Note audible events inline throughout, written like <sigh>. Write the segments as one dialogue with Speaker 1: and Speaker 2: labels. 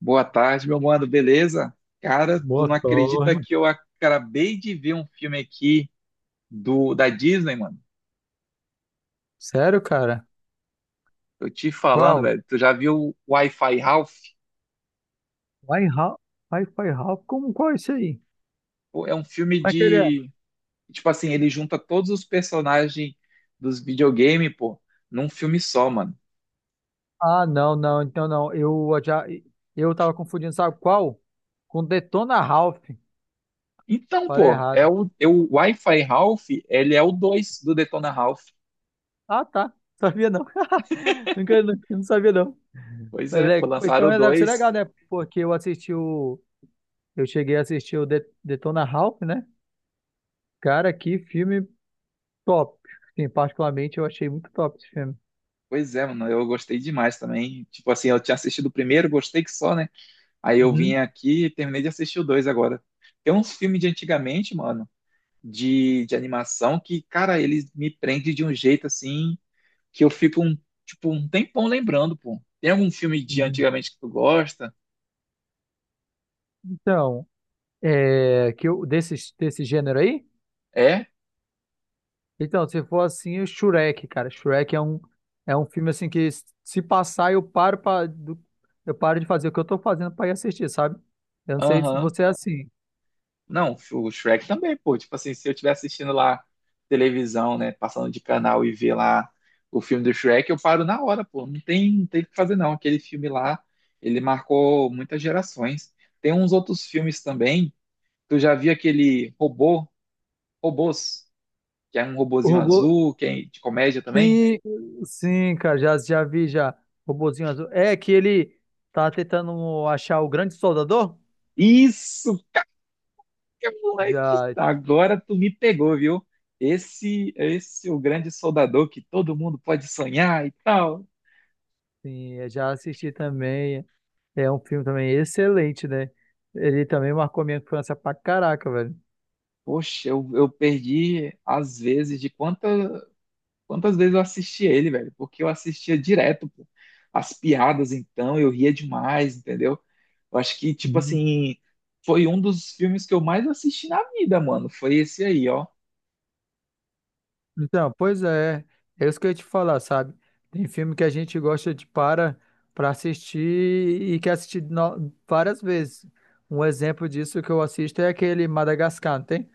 Speaker 1: Boa tarde, meu mano, beleza? Cara, tu
Speaker 2: Boa
Speaker 1: não acredita
Speaker 2: tarde.
Speaker 1: que eu acabei de ver um filme aqui do da Disney, mano?
Speaker 2: Sério, cara?
Speaker 1: Eu te falando,
Speaker 2: Qual?
Speaker 1: velho. Tu já viu o Wi-Fi Ralph?
Speaker 2: Wi-Fi, Wi-Fi Ralph, como qual é isso aí?
Speaker 1: Pô, é um filme
Speaker 2: Como é que ele é?
Speaker 1: de, tipo assim, ele junta todos os personagens dos videogames, pô, num filme só, mano.
Speaker 2: Ah, não, então não. Eu tava confundindo, sabe qual? Com Detona Ralph.
Speaker 1: Então,
Speaker 2: Falei
Speaker 1: pô, é
Speaker 2: errado.
Speaker 1: o, é o Wi-Fi Ralph, ele é o 2 do Detona Ralph.
Speaker 2: Ah, tá. Sabia não. <laughs> Não sabia não.
Speaker 1: Pois
Speaker 2: Mas
Speaker 1: é, pô,
Speaker 2: é,
Speaker 1: lançaram
Speaker 2: então
Speaker 1: o
Speaker 2: é, deve ser
Speaker 1: 2.
Speaker 2: legal, né? Porque eu assisti o Eu cheguei a assistir o Detona Ralph, né? Cara, que filme top. Sim, particularmente eu achei muito top esse filme.
Speaker 1: Pois é, mano, eu gostei demais também. Tipo assim, eu tinha assistido o primeiro, gostei que só, né? Aí eu
Speaker 2: Uhum.
Speaker 1: vim aqui e terminei de assistir o dois agora. Tem uns filmes de antigamente, mano, de animação que, cara, eles me prendem de um jeito assim que eu fico um, tipo, um tempão lembrando, pô. Tem algum filme de
Speaker 2: Uhum.
Speaker 1: antigamente que tu gosta?
Speaker 2: Então, é, que eu, desse, desse gênero aí?
Speaker 1: É?
Speaker 2: Então, se for assim, o Shrek, cara. Shrek é um filme assim que se passar eu eu paro de fazer o que eu tô fazendo pra ir assistir, sabe? Eu não sei se
Speaker 1: Aham.
Speaker 2: você é assim.
Speaker 1: Não, o Shrek também, pô. Tipo assim, se eu estiver assistindo lá televisão, né, passando de canal e ver lá o filme do Shrek, eu paro na hora, pô. Não tem, o que fazer, não. Aquele filme lá, ele marcou muitas gerações. Tem uns outros filmes também. Tu já viu aquele robô, robôs, que é um
Speaker 2: O
Speaker 1: robozinho
Speaker 2: robô.
Speaker 1: azul, que é de comédia também?
Speaker 2: Sim, sim, cara, já vi já. Robozinho azul. É que ele tá tentando achar o grande soldador?
Speaker 1: Isso, que moleque,
Speaker 2: Já,
Speaker 1: agora tu me pegou, viu? Esse é o grande soldador que todo mundo pode sonhar e tal.
Speaker 2: sim, é, já assisti também. É um filme também excelente, né? Ele também marcou minha infância pra caraca, velho.
Speaker 1: Poxa, eu perdi às vezes de quanta quantas vezes eu assisti ele, velho? Porque eu assistia direto, pô. As piadas, então, eu ria demais, entendeu? Eu acho que, tipo assim, foi um dos filmes que eu mais assisti na vida, mano. Foi esse aí, ó.
Speaker 2: Então, pois é, é isso que eu ia te falar, sabe? Tem filme que a gente gosta de para assistir e quer assistir várias vezes. Um exemplo disso que eu assisto é aquele Madagascar, não tem?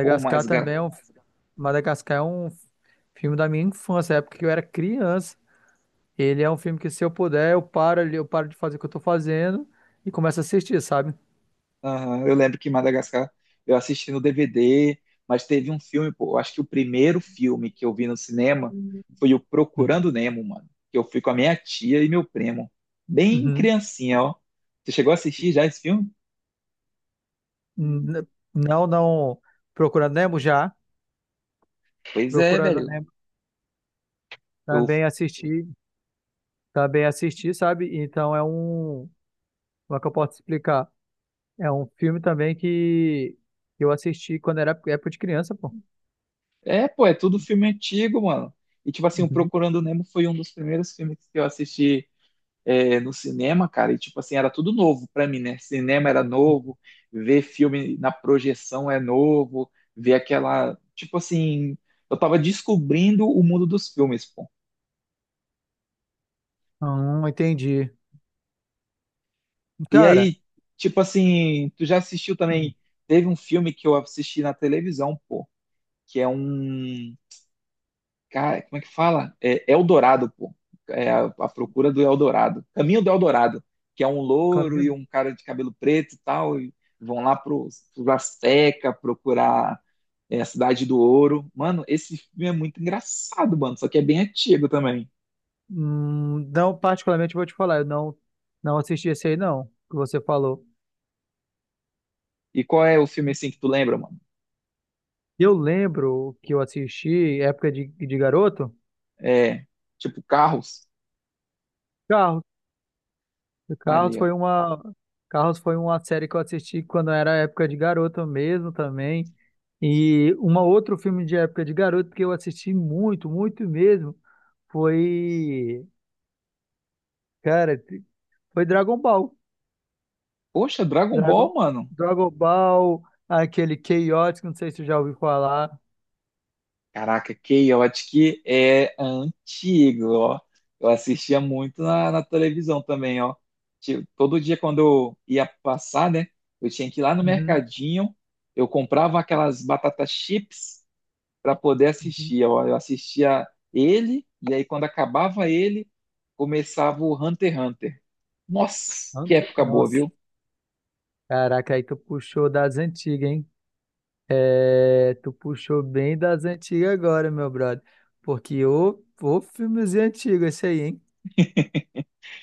Speaker 1: Pô,
Speaker 2: também é um Madagascar é um filme da minha infância, época que eu era criança. Ele é um filme que se eu puder, eu paro ali, eu paro de fazer o que eu tô fazendo e começo a assistir, sabe?
Speaker 1: aham, eu lembro que Madagascar eu assisti no DVD, mas teve um filme, pô. Eu acho que o primeiro filme que eu vi no cinema foi o Procurando
Speaker 2: Uhum.
Speaker 1: Nemo, mano. Que eu fui com a minha tia e meu primo. Bem
Speaker 2: Uhum.
Speaker 1: criancinha, ó. Você chegou a assistir já esse filme?
Speaker 2: N- Não, não. Procurando Nemo já.
Speaker 1: Pois é,
Speaker 2: Procurando
Speaker 1: velho.
Speaker 2: Nemo
Speaker 1: Eu...
Speaker 2: também assisti. Também assisti, sabe? Então é um. Como é que eu posso explicar? É um filme também que eu assisti quando era época de criança, pô.
Speaker 1: É, pô, é tudo filme antigo, mano. E, tipo assim, o
Speaker 2: Uhum.
Speaker 1: Procurando Nemo foi um dos primeiros filmes que eu assisti, no cinema, cara. E, tipo assim, era tudo novo pra mim, né? Cinema era novo, ver filme na projeção é novo, ver aquela. Tipo assim, eu tava descobrindo o mundo dos filmes, pô.
Speaker 2: Entendi.
Speaker 1: E
Speaker 2: Cara,
Speaker 1: aí, tipo assim, tu já assistiu também? Teve um filme que eu assisti na televisão, pô, que é um. Cara, como é que fala? É Eldorado, pô. É a procura do Eldorado. Caminho do Eldorado, que é um
Speaker 2: o
Speaker 1: louro e
Speaker 2: caminho.
Speaker 1: um cara de cabelo preto e tal, e vão lá pro, pro Azteca procurar, a Cidade do Ouro. Mano, esse filme é muito engraçado, mano, só que é bem antigo também.
Speaker 2: Não, particularmente vou te falar, eu não, não assisti esse aí, não, que você falou.
Speaker 1: E qual é o filme assim que tu lembra, mano?
Speaker 2: Eu lembro que eu assisti, época de garoto,
Speaker 1: É, tipo, Carros.
Speaker 2: Carros. O
Speaker 1: Ali, ó.
Speaker 2: Carros foi uma série que eu assisti quando era época de garoto mesmo também. E uma outro filme de época de garoto que eu assisti muito mesmo, foi, cara, foi Dragon Ball.
Speaker 1: Poxa, Dragon
Speaker 2: Dragon
Speaker 1: Ball, mano.
Speaker 2: Dragon Ball, aquele Chaotix, não sei se você já ouviu falar.
Speaker 1: Caraca, Chaotic é antigo, ó. Eu assistia muito na televisão também, ó. Tipo, todo dia quando eu ia passar, né? Eu tinha que ir lá no
Speaker 2: Uhum,
Speaker 1: mercadinho, eu comprava aquelas batatas chips para poder
Speaker 2: uhum.
Speaker 1: assistir, ó. Eu assistia ele, e aí quando acabava ele, começava o Hunter x Hunter. Nossa, que época boa,
Speaker 2: Nossa,
Speaker 1: viu?
Speaker 2: caraca, aí tu puxou das antigas, hein? É, tu puxou bem das antigas agora, meu brother. Porque ô filmezinho antigo esse aí, hein?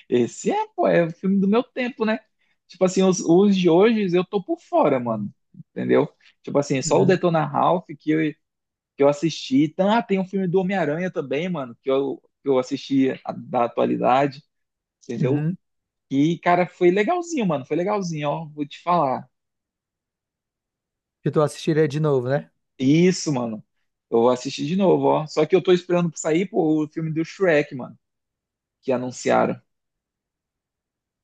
Speaker 1: Esse é, pô, é o filme do meu tempo, né? Tipo assim, os de hoje eu tô por fora, mano. Entendeu? Tipo assim, só o
Speaker 2: Uhum,
Speaker 1: Detona Ralph que eu assisti. Então, ah, tem um filme do Homem-Aranha também, mano, que eu assisti da atualidade, entendeu?
Speaker 2: uhum.
Speaker 1: E, cara, foi legalzinho, mano. Foi legalzinho, ó. Vou te falar.
Speaker 2: Que tu assistiria de novo, né?
Speaker 1: Isso, mano. Eu vou assistir de novo, ó. Só que eu tô esperando pra sair, pô, o filme do Shrek, mano, que anunciaram.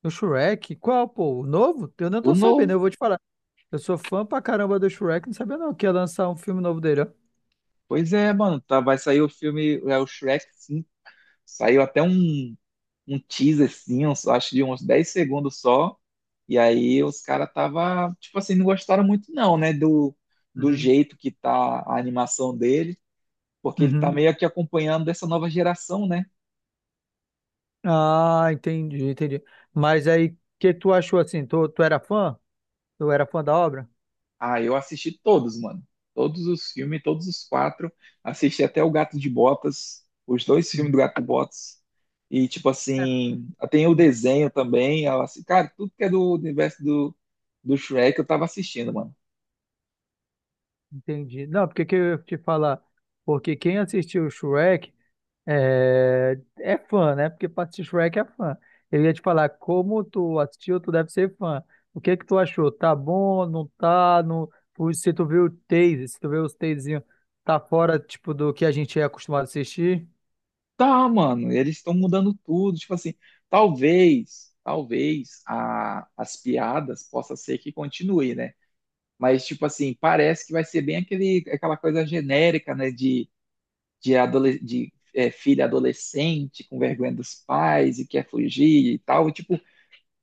Speaker 2: No Shrek? Qual, pô? O novo? Eu não
Speaker 1: O
Speaker 2: tô sabendo,
Speaker 1: novo.
Speaker 2: eu vou te falar. Eu sou fã pra caramba do Shrek, não sabia não que ia lançar um filme novo dele, ó.
Speaker 1: Pois é, mano. Tá, vai sair o filme, é o Shrek 5. Saiu até um teaser, assim, acho de uns 10 segundos só. E aí os caras tava, tipo assim, não gostaram muito não, né, do, do
Speaker 2: Uhum,
Speaker 1: jeito que tá a animação dele, porque ele tá
Speaker 2: uhum.
Speaker 1: meio que acompanhando dessa nova geração, né?
Speaker 2: Ah, entendi, entendi. Mas aí, o que tu achou assim? Tu era fã? Tu era fã da obra?
Speaker 1: Ah, eu assisti todos, mano. Todos os filmes, todos os quatro. Assisti até o Gato de Botas, os dois filmes
Speaker 2: Uhum.
Speaker 1: do Gato de Botas. E, tipo
Speaker 2: É,
Speaker 1: assim, tem o desenho também. Ela, assim, cara, tudo que é do universo do Shrek eu tava assistindo, mano.
Speaker 2: entendi. Não, porque que eu ia te falar? Porque quem assistiu o Shrek. É, é fã, né? Porque pra assistir Shrek é fã. Eu ia te falar, como tu assistiu, tu deve ser fã. O que que tu achou? Tá bom, não tá? Não... Ui, se tu viu o Taze, se tu viu os Tazezinhos, tá fora, tipo, do que a gente é acostumado a assistir?
Speaker 1: Tá, mano, eles estão mudando tudo. Tipo assim, talvez as piadas possa ser que continue, né? Mas, tipo assim, parece que vai ser bem aquele, aquela coisa genérica, né? De filha adolescente com vergonha dos pais e quer fugir e tal. E, tipo,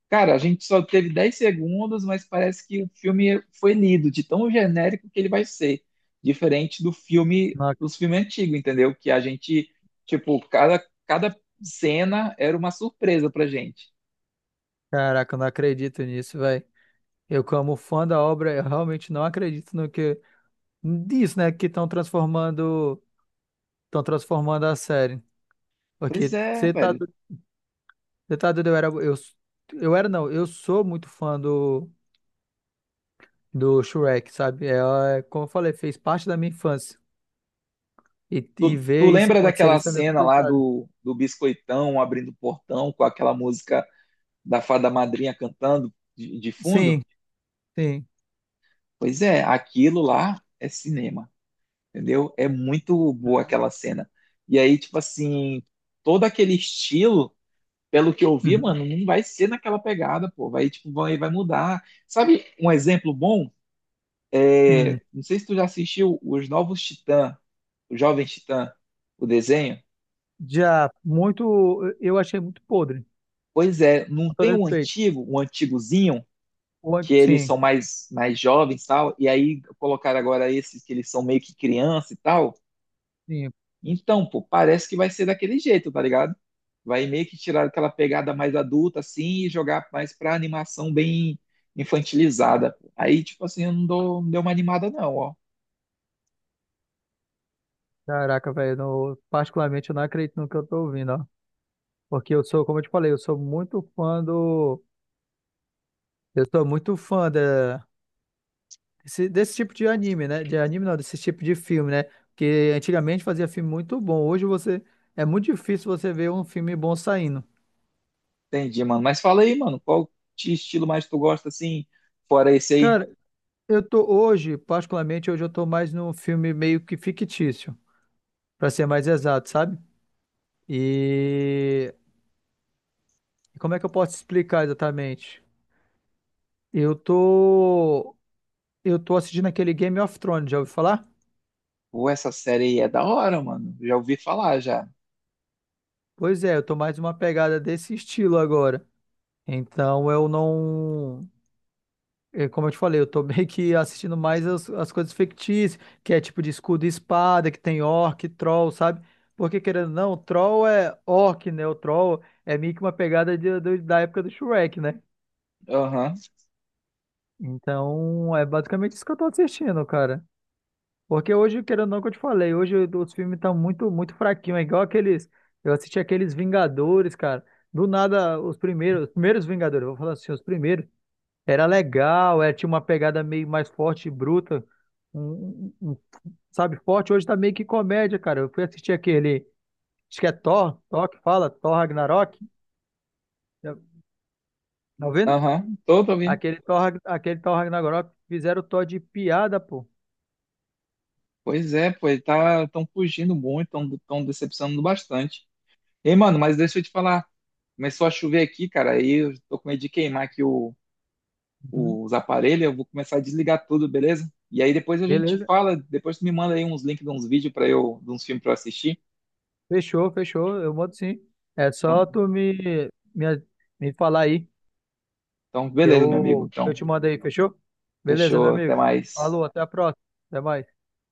Speaker 1: cara, a gente só teve 10 segundos, mas parece que o filme foi lido de tão genérico que ele vai ser, diferente do filme,
Speaker 2: Não,
Speaker 1: dos filmes antigos, entendeu? Que a gente, tipo, cada cena era uma surpresa pra gente.
Speaker 2: caraca, eu não acredito nisso, velho. Eu, como fã da obra, eu realmente não acredito no que... Disso, né? Que estão transformando... Estão transformando a série.
Speaker 1: Pois
Speaker 2: Porque
Speaker 1: é,
Speaker 2: você tá...
Speaker 1: velho.
Speaker 2: Você tá doido, eu era, não. Eu sou muito fã do... do Shrek, sabe? Ela, é, como eu falei, fez parte da minha infância. E
Speaker 1: Tu, tu
Speaker 2: ver isso
Speaker 1: lembra
Speaker 2: acontecer,
Speaker 1: daquela
Speaker 2: isso é meio
Speaker 1: cena lá
Speaker 2: complicado.
Speaker 1: do Biscoitão abrindo o portão com aquela música da Fada Madrinha cantando de
Speaker 2: Sim,
Speaker 1: fundo?
Speaker 2: sim.
Speaker 1: Pois é, aquilo lá é cinema. Entendeu? É muito boa aquela cena. E aí, tipo assim, todo aquele estilo, pelo que eu vi,
Speaker 2: Uhum.
Speaker 1: mano, não vai ser naquela pegada, pô. Vai, tipo, vai mudar. Sabe um exemplo bom? É,
Speaker 2: Hum.
Speaker 1: não sei se tu já assistiu Os Novos Titã, o Jovem Titã, o desenho.
Speaker 2: Já muito, eu achei muito podre,
Speaker 1: Pois é, não
Speaker 2: com todo
Speaker 1: tem o
Speaker 2: respeito.
Speaker 1: antigo, o antigozinho, que eles
Speaker 2: Sim,
Speaker 1: são mais, mais jovens e tal, e aí colocaram agora esses que eles são meio que criança e tal.
Speaker 2: sim.
Speaker 1: Então, pô, parece que vai ser daquele jeito, tá ligado? Vai meio que tirar aquela pegada mais adulta, assim, e jogar mais pra animação bem infantilizada. Aí, tipo assim, eu não dou, não deu uma animada, não, ó.
Speaker 2: Caraca, velho, particularmente eu não acredito no que eu tô ouvindo, ó. Porque eu sou, como eu te falei, eu sou muito fã desse tipo de anime, né? De anime não, desse tipo de filme, né? Porque antigamente fazia filme muito bom. Hoje você É muito difícil você ver um filme bom saindo.
Speaker 1: Entendi, mano. Mas fala aí, mano, qual estilo mais tu gosta, assim, fora esse aí?
Speaker 2: Cara, particularmente hoje eu tô mais num filme meio que fictício, pra ser mais exato, sabe? E como é que eu posso explicar exatamente? Eu tô eu tô assistindo aquele Game of Thrones, já ouviu falar?
Speaker 1: Pô, essa série aí é da hora, mano. Já ouvi falar, já.
Speaker 2: Pois é, eu tô mais uma pegada desse estilo agora. Então eu não. É, como eu te falei, eu tô <laughs> meio que assistindo mais as coisas fictícias, que é tipo de escudo e espada, que tem orc, troll, sabe? Porque querendo ou não, troll é orc, né? O troll é meio que uma pegada da época do Shrek, né?
Speaker 1: Aham,
Speaker 2: Então, é basicamente isso que eu tô assistindo, cara. Porque hoje, querendo ou não, que eu te falei, hoje os filmes estão muito, muito fraquinhos. É igual aqueles. Eu assisti aqueles Vingadores, cara. Do nada, os primeiros Vingadores, eu vou falar assim, os primeiros. Era legal, é, tinha uma pegada meio mais forte e bruta, um, um- um- sabe, forte. Hoje tá meio que comédia, cara. Eu fui assistir aquele, acho que é Thor Ragnarok, tá tá vendo?
Speaker 1: aham, tô, tô ouvindo.
Speaker 2: Aquele Thor Ragnarok, fizeram o Thor de piada, pô.
Speaker 1: Pois é, pô, ele tá, tão fugindo muito, tão, tão decepcionando bastante. Ei, mano, mas deixa eu te falar. Começou a chover aqui, cara, aí eu tô com medo de queimar aqui
Speaker 2: Uhum.
Speaker 1: os aparelhos, eu vou começar a desligar tudo, beleza? E aí depois a gente
Speaker 2: Beleza,
Speaker 1: fala, depois tu me manda aí uns links de uns vídeos para eu, de uns filmes para eu assistir.
Speaker 2: fechou, eu mando sim. É
Speaker 1: Então,
Speaker 2: só me, me falar aí,
Speaker 1: então,
Speaker 2: que
Speaker 1: beleza, meu amigo. Então,
Speaker 2: eu te mando aí, fechou? Beleza, meu
Speaker 1: fechou, até
Speaker 2: amigo.
Speaker 1: mais.
Speaker 2: Falou, até a próxima, até mais.